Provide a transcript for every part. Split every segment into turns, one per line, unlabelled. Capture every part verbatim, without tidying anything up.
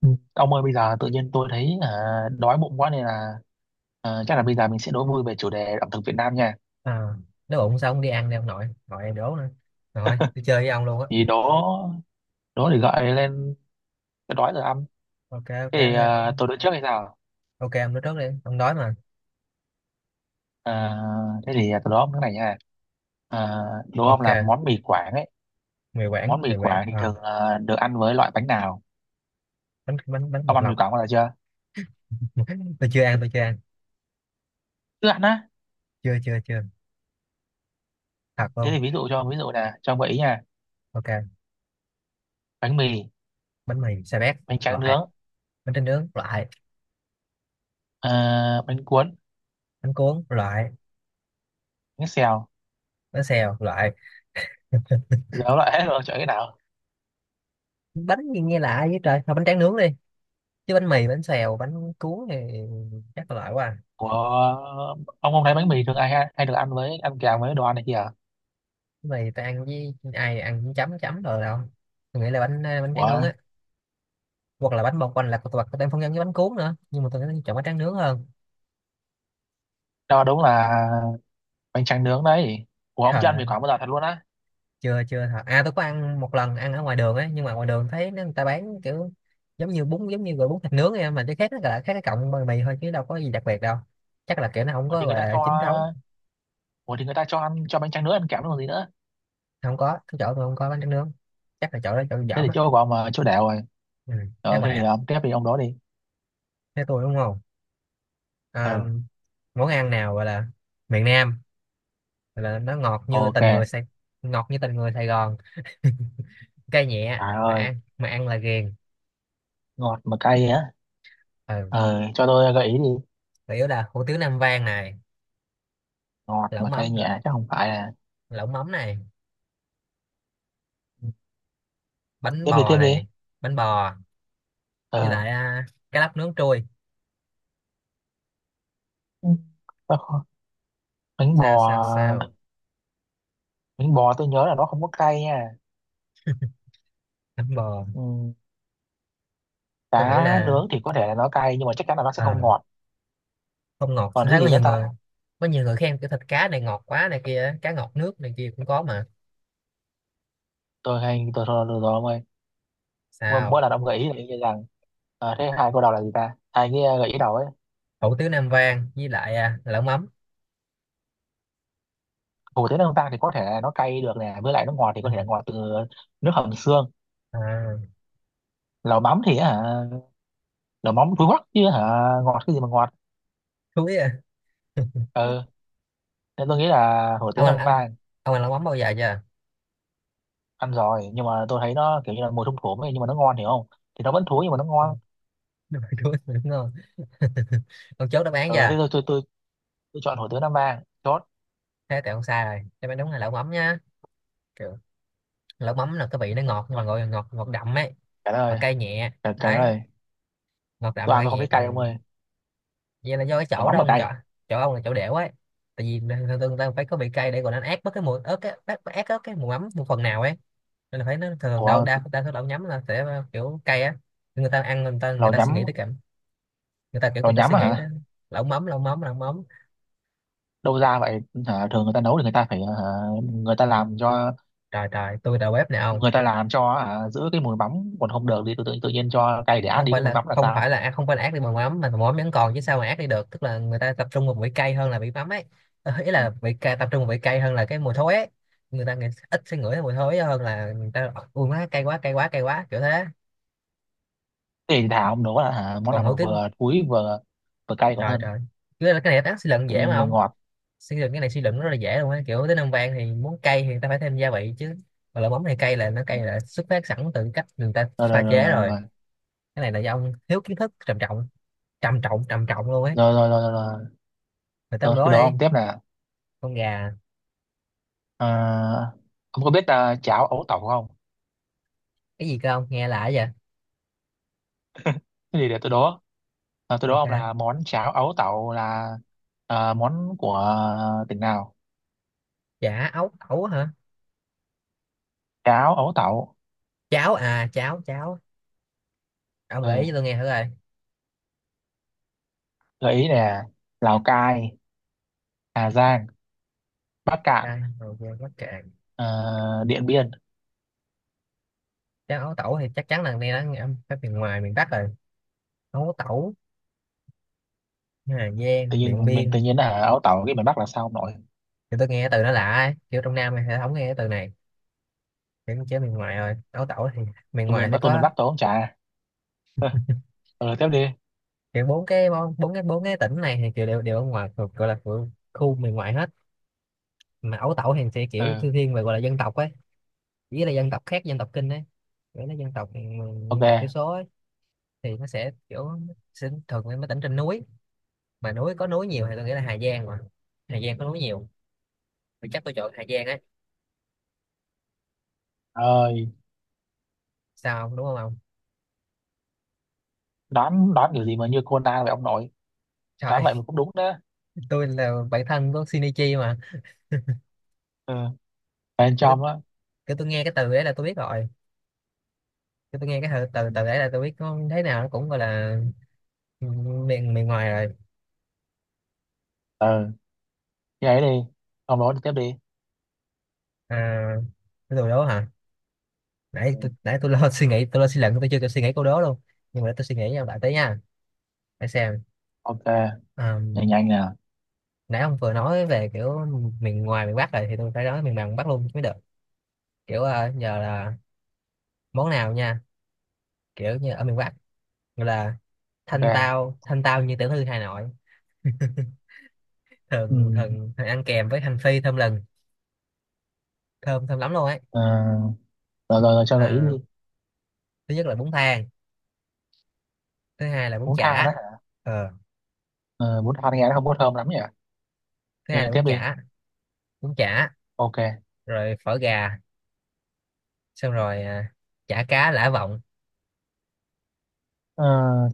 Ừ. Ông ơi bây giờ tự nhiên tôi thấy à, đói bụng quá nên là à, chắc là bây giờ mình sẽ đố vui về chủ đề ẩm thực Việt Nam nha.
à, Nếu bụng sao ông đi ăn đi ông nội, nội em đố nữa rồi đi chơi với ông luôn á.
Thì đố đố để gọi lên cái đói rồi ăn.
Ok, ok
Thế thì à,
ông,
tôi đố trước hay sao?
ok ông nói trước đi, ông đói mà.
À, thế thì tôi đố ông cái này nha. À, đố ông
Ok,
là món mì Quảng ấy.
mì quảng
Món
mì
mì
quảng
Quảng thì
à,
thường là được ăn với loại bánh nào?
bánh bánh bánh
Ông
bột
ăn mì
lọc.
Quảng bao giờ chưa?
tôi chưa ăn tôi chưa ăn
Chưa ăn á.
chưa chưa chưa thật
Thế
luôn.
thì ví dụ cho ví dụ là cho ông gợi ý nha.
Ok,
Bánh mì,
bánh mì xà bét
bánh tráng nướng,
loại, bánh tráng nướng loại,
à, bánh cuốn,
bánh cuốn loại,
bánh xèo.
bánh xèo loại.
Giờ ông loại hết rồi chọn cái nào?
Bánh gì nghe lạ vậy trời, thôi bánh tráng nướng đi, chứ bánh mì, bánh xèo, bánh cuốn thì chắc là loại quá à.
Ủa, ông không thấy bánh mì thường ai hay, hay được ăn với ăn kèm với đồ ăn này kìa.
Bánh mì tôi ăn với ai, ăn với chấm chấm rồi đâu. Tôi nghĩ là bánh bánh tráng
Ủa,
nướng á, hoặc là bánh bông quanh, là hoặc có tem phong nhân với bánh cuốn nữa, nhưng mà tôi thấy chọn bánh tráng nướng hơn.
đó đúng là bánh tráng nướng đấy. Ủa, ông chưa
Trời
ăn
ơi,
mì Quảng bao giờ thật luôn á.
chưa chưa thật. À tôi có ăn một lần, ăn ở ngoài đường ấy, nhưng mà ngoài đường thấy nó- người ta bán kiểu giống như bún, giống như gọi bún thịt nướng ấy, mà cái khác nó là khác cái cọng bánh mì thôi, chứ đâu có gì đặc biệt đâu. Chắc là kiểu nó không
Ủa
có
thì người
gọi
ta
là
cho
chính thống.
Ủa thì người ta cho ăn cho bánh tráng nướng ăn kèm còn gì nữa.
Không có, cái chỗ tôi không có bánh tráng nướng, chắc là chỗ đó chỗ
Thế
dởm
thì
á.
chỗ của ông mà chỗ đẻo rồi.
Ừ, chắc
Ờ, thế
vậy
thì
á.
ông tiếp đi ông đó đi.
Thế tôi đúng không? à,
Ờ,
Món ăn nào gọi là miền Nam, gọi là nó ngọt như
ok.
tình người Sài, ngọt như tình người Sài Gòn. Cay nhẹ
Trời
mà
ơi,
ăn, mà ăn là ghiền.
ngọt mà cay á.
Ừ.
Ờ, cho tôi gợi ý đi.
Chủ yếu là hủ tiếu Nam Vang này,
Ngọt
lẩu
mà cay
mắm,
nhẹ chứ không phải là.
lẩu mắm này, bánh
Tiếp đi,
bò
tiếp đi.
này, bánh bò, với
Ờ,
lại à, cá lóc nướng trui.
ừ, bánh bò.
Sao sao sao?
Bánh bò tôi nhớ là nó không có cay nha.
Bánh bò.
Ừ,
Tôi nghĩ
cá
là,
nướng thì có thể là nó cay nhưng mà chắc chắn là nó sẽ không
à,
ngọt.
không ngọt,
Còn
tôi
cái
thấy có
gì nữa
nhiều
ta.
người, có nhiều người khen cái thịt cá này ngọt quá này kia, cá ngọt nước này kia cũng có mà.
Tôi hay tôi thôi được rồi ông ơi. mỗi
Sao?
mỗi lần ông gợi ý là y như rằng. Ờ, thế hai câu đầu là gì ta, hai cái ờ, gợi ý đầu ấy.
Hủ tiếu Nam Vang với lại à, lẩu mắm.
Hủ tiếu nướng vang thì có thể là nó cay được nè, với lại nó ngọt thì
Ừ.
có thể là ngọt từ nước hầm xương.
à,
Lẩu mắm thì hả, lẩu mắm túi hoắc chứ hả, ngọt cái gì mà ngọt.
Chuối à.
Ừ, nên tôi nghĩ là hủ tiếu
Ông ăn,
nam
ăn,
vang.
ông ăn lẩu mắm bao giờ chưa?
Ăn rồi nhưng mà tôi thấy nó kiểu như là mùi thum thủm ấy, nhưng mà nó ngon hiểu không. Thì nó vẫn thúi nhưng mà nó ngon.
Ồ, đúng rồi, chuối đúng ngon. Ông chốt đáp án
Ừ thế
chưa?
Tôi tôi tôi, tôi chọn hủ tiếu nam vang chốt.
Thế thì ông sai rồi, đáp án đúng là lẩu mắm nha. Kiểu, lẩu mắm là cái vị nó ngọt, nhưng mà
Vâng,
gọi là ngọt, ngọt đậm ấy,
trả
mà
lời,
cay nhẹ.
trả, trả
Đấy,
lời.
ngọt đậm
Tôi
mà
ăn
cay
tôi không
nhẹ,
thấy cay ông
còn
ơi.
vậy là do cái
Đồ
chỗ
mắm
đó
mà
ông
cay.
chọn, chỗ ông là chỗ đẻo ấy. Tại vì thường thường ta phải có vị cay để còn đánh át bớt cái mùi ớt, cái ớt ớt ớt cái mùi mắm một phần nào ấy, nên là phải, nó thường đâu,
Ủa,
đa đa số lẩu nhắm là sẽ kiểu cay á. Người ta ăn, người ta người
lẩu
ta suy nghĩ
nhắm
tới cảm, người ta kiểu
lẩu
người ta
nhắm
suy
á
nghĩ tới
hả,
lẩu mắm lẩu mắm lẩu mắm.
đâu ra vậy. Hả thường người ta nấu thì người ta phải hả, người ta làm cho,
Trời trời, tôi đầu bếp nè ông.
người ta làm cho hả, giữ cái mùi mắm, còn không được thì tự, tự, tự nhiên cho cay để át
Không
đi
phải
cái mùi
là
mắm là
không
sao.
phải là à, không phải là ác đi bằng mắm mà mắm vẫn còn, chứ sao mà ác đi được, tức là người ta tập trung vào vị cay hơn là vị mắm ấy. Ờ, ý là vị cay, tập trung vào vị cay hơn là cái mùi thối ấy. Người ta nghĩ, ít sẽ ngửi thấy mùi thối hơn là người ta ui má cay quá cay quá cay quá, kiểu thế.
Thế thì thả ông nấu là hả, món
Còn
nào mà
hữu tín.
vừa thúi vừa vừa cay còn
Trời
hơn
trời, cái này cái này suy luận
tự
dễ
nhiên
mà
vừa
ông,
ngọt.
suy luận cái này suy luận rất là dễ luôn á, kiểu tới Năm Vang thì muốn cay thì người ta phải thêm gia vị chứ, mà lẩu mắm này cay, là nó
Ừ.
cay là xuất phát sẵn từ cách người ta
rồi
pha
rồi
chế
rồi
rồi.
rồi
Cái này là do ông thiếu kiến thức trầm trọng, trầm trọng trầm trọng luôn ấy.
rồi rồi rồi rồi, rồi.
Người ta, ông
Rồi cái
đố
đó
đi.
ông tiếp là
Con gà.
à, ông có biết à, cháo ấu tẩu không.
Cái gì cơ, ông nghe lạ vậy?
Cái gì để tôi đố. Ờ, tôi đố ông là
Ok.
món cháo ấu tẩu là ờ, món của tỉnh nào?
Chả ấu ẩu hả?
Cháo ấu tẩu.
Cháo à, cháo cháo. Ông gợi
Ừ.
ý cho tôi nghe thử rồi.
Gợi ý nè. Lào Cai, Hà Giang, Bắc Cạn,
Đây ok, bắt cạn.
ờ, Điện Biên.
Cháo ấu tẩu thì chắc chắn là nghe nó các miền ngoài, miền Bắc rồi. Ấu tẩu, Hà Giang,
Tự
Điện
nhiên mình tự
Biên.
nhiên là ấu tẩu cái miền Bắc là sao ông nội?
Thì tôi nghe cái từ nó lạ ấy. Kiểu trong Nam thì không nghe cái từ này, kiểu chế miền ngoài rồi, ấu tẩu thì miền
Tôi
ngoài
miền
thì
Bắc tôi miền
có.
Bắc tôi không trả. Ừ, tiếp đi.
Kiểu bốn cái món- bốn cái, bốn cái tỉnh này thì kiểu đều, đều ở ngoài, thuộc gọi là thuộc khu miền ngoại hết, mà ấu tẩu thì sẽ kiểu
Ừ.
thư thiên về gọi là dân tộc ấy, chỉ là dân tộc khác dân tộc Kinh ấy, kiểu là dân tộc, ừ, dân tộc thiểu
Ok.
số ấy. Thì nó sẽ kiểu sẽ thường mấy, mấy tỉnh trên núi, mà núi có núi
Ừ.
nhiều thì tôi nghĩ là Hà Giang mà, Hà Giang có núi nhiều, thì chắc tôi chọn Hà Giang ấy.
Ơi,
Sao không đúng không ông?
đoán đoán kiểu gì mà như Conan vậy ông nội?
Trời
Đoán vậy mà
ơi,
cũng đúng đó.
tôi là bạn thân của Shinichi mà.
Ừ. Bên
kiểu,
trong á.
Kiểu tôi nghe cái từ đấy là tôi biết rồi, kiểu tôi nghe cái từ từ từ đấy là tôi biết, có thế nào nó cũng gọi là miền miền ngoài rồi.
Ừ. Như ấy đi. Ông nói tiếp đi.
À, cái đồ đó hả? Nãy
Ừ.
tôi nãy tôi lo suy nghĩ, tôi lo suy luận, tôi chưa kịp suy nghĩ câu đó luôn. Nhưng mà để tôi suy nghĩ nha, lại tới nha, để xem.
Ok.
Ờ,
Nhanh nhanh nè.
nãy ông vừa nói về kiểu miền ngoài, miền Bắc rồi, thì tôi phải nói miền Nam, miền Bắc luôn chứ mới được. Kiểu ờ, nhờ là món nào nha, kiểu như ở miền Bắc gọi là thanh
Ok.
tao, thanh tao như tiểu thư Hà Nội.
Ừ.
thường thường Thường ăn kèm với hành phi thơm lừng, thơm thơm lắm luôn ấy.
Ờ, rồi, rồi, rồi cho gợi ý
à,
đi.
Thứ nhất là bún thang, thứ hai là bún
Bún than
chả.
đó hả?
Ờ,
Ờ, bún than nghe nó không có thơm lắm nhỉ.
thứ
Thế
hai
thì
là
tiếp
bún
đi.
chả. Bún chả,
Ok.
rồi phở gà, xong rồi à, chả cá lã vọng.
Ờ,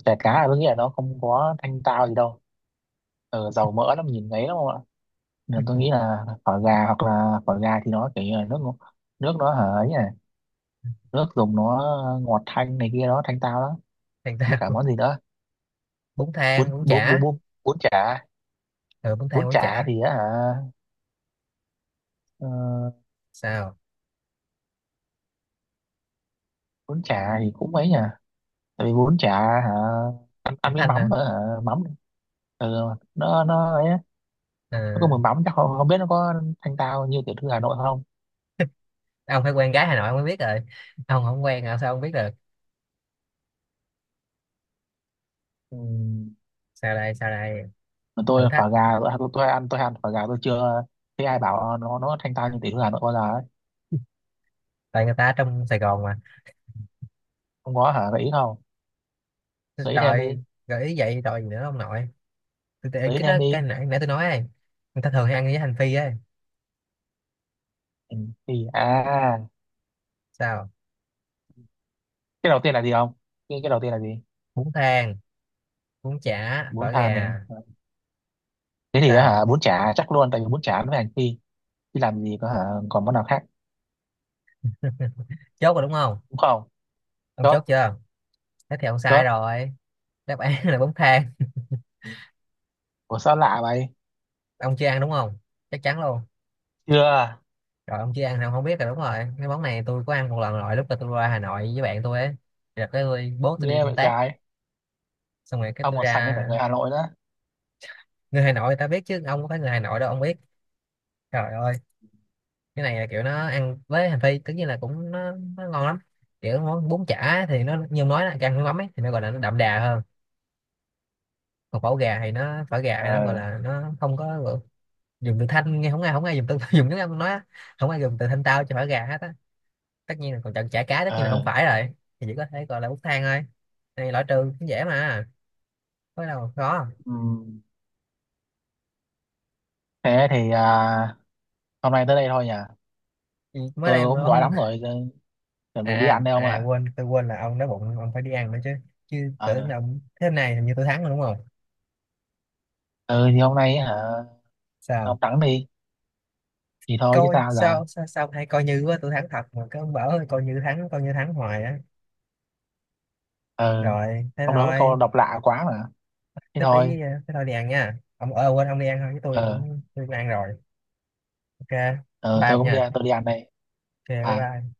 chả cá là tôi nghĩ là nó không có thanh tao gì đâu. Ờ, dầu mỡ lắm nhìn ngấy lắm không ạ. Nên tôi nghĩ là phở gà, hoặc là phở gà thì nó kiểu như là nước ngọt- nước nó hở ấy nhỉ, nước dùng nó ngọt thanh này kia đó thanh tao đó.
Thanh
Với cả
tao.
món gì nữa.
Bún
Bún
thang, bún
bún bún
chả.
bún bún chả.
Ừ, bún thang,
Bún
bún
chả
chả.
thì á hả. Ờ,
Sao?
bún chả thì cũng ấy nhỉ, tại vì bún chả hả, ăn, ăn
Bún
với
thanh hả?
mắm hả, mắm. Ừ, nó nó ấy á, nó có
à,
mùi mắm chắc không, không biết nó có thanh tao như tiểu thư Hà Nội không.
ông phải quen gái Hà Nội ông mới biết rồi, ông không quen hả sao ông biết được?
Ừ.
Sao đây sao đây?
Mà
Thử
tôi
thách.
phở gà tôi, tôi, tôi ăn tôi ăn phở gà tôi chưa thấy ai bảo ờ, nó nó thanh tao như tiểu thư Hà Nội bao giờ ấy.
Tại người ta ở trong Sài Gòn mà.
Không có hả gợi ý không. gợi ý thêm đi
Trời, gợi ý vậy rồi gì nữa ông nội? Tôi tôi-
Gợi ý
cái
thêm
nó cái
đi.
nãy Nãy tôi nói ấy, người ta thường hay ăn với hành phi ấy.
Ừ, thì à
Sao?
Cái đầu tiên là gì không, cái, cái đầu tiên là gì.
Bún thang, bún chả,
Bún
phở
thàn
gà.
này. Thế thì
Sao?
hả bún chả chắc luôn, tại vì bún chả nó phải hành phi chứ làm gì có hả. Còn món nào khác.
Ừ, chốt rồi đúng không?
Đúng không.
Ông
Chốt.
chốt chưa? Thế thì ông sai
Chốt.
rồi, đáp án là bún thang.
Ủa sao lạ vậy.
Ông chưa ăn đúng không? Chắc chắn luôn.
Chưa.
Rồi, ông chưa ăn thì ông không biết rồi. Đúng rồi, cái món này tôi có ăn một lần rồi lúc mà tôi ra Hà Nội với bạn tôi ấy, rồi cái tôi, bố tôi đi
Nghe
công
vậy
tác,
trái.
xong rồi cái
Ông
tôi
một sành
ra.
cả người Hà Nội đó.
Người Hà Nội người ta biết chứ, ông có phải người Hà Nội đâu ông biết. Trời ơi, cái này là kiểu nó ăn với hành phi, tất nhiên là cũng nó, nó ngon lắm. Kiểu món bún chả thì nó như ông nói là càng nước mắm ấy, thì nó gọi là nó đậm đà hơn, còn phở gà thì nó, phở gà thì nó gọi
Ờ.
là nó không có gọi- dùng từ thanh nghe không, ai không ai dùng từ dùng tiếng Anh nói á. Không ai dùng từ thanh tao cho phở gà hết á, tất nhiên là còn chọn chả cá tất nhiên là không
Ờ,
phải rồi, thì chỉ có thể gọi là bút thang thôi. Này loại trừ cũng dễ mà, có đâu mà khó.
ừm, thế thì à, hôm nay tới đây thôi nhỉ.
Thì mới đây
Tôi
mà
cũng đói
ông.
lắm rồi, tôi chuẩn bị đi
à
ăn đây ông
à
ạ.
quên, tôi quên là ông đói bụng ông phải đi ăn nữa chứ, chứ tưởng
Ờ,
là ông thế này, hình như tôi thắng rồi đúng không?
ừ thì hôm nay hả,
Sao?
ông thẳng đi, thì thôi chứ
Coi
sao giờ.
sao sao sao, hay coi như quá, tôi thắng thật mà cứ bảo ơi, coi như thắng, coi như thắng hoài á.
Ờ,
Rồi, thế
ông nói với câu
thôi.
độc lạ quá mà. Thế
Thế
thôi,
tí ờ, thế thôi đi ăn nha ông ơi, quên, ông đi ăn thôi, chứ tôi
ờ,
cũng tôi cũng ăn rồi. Ok,
ờ,
bye
tôi
ông
cũng đi,
nha.
tôi đi ăn đây.
Ok, bye
Bye.
bye.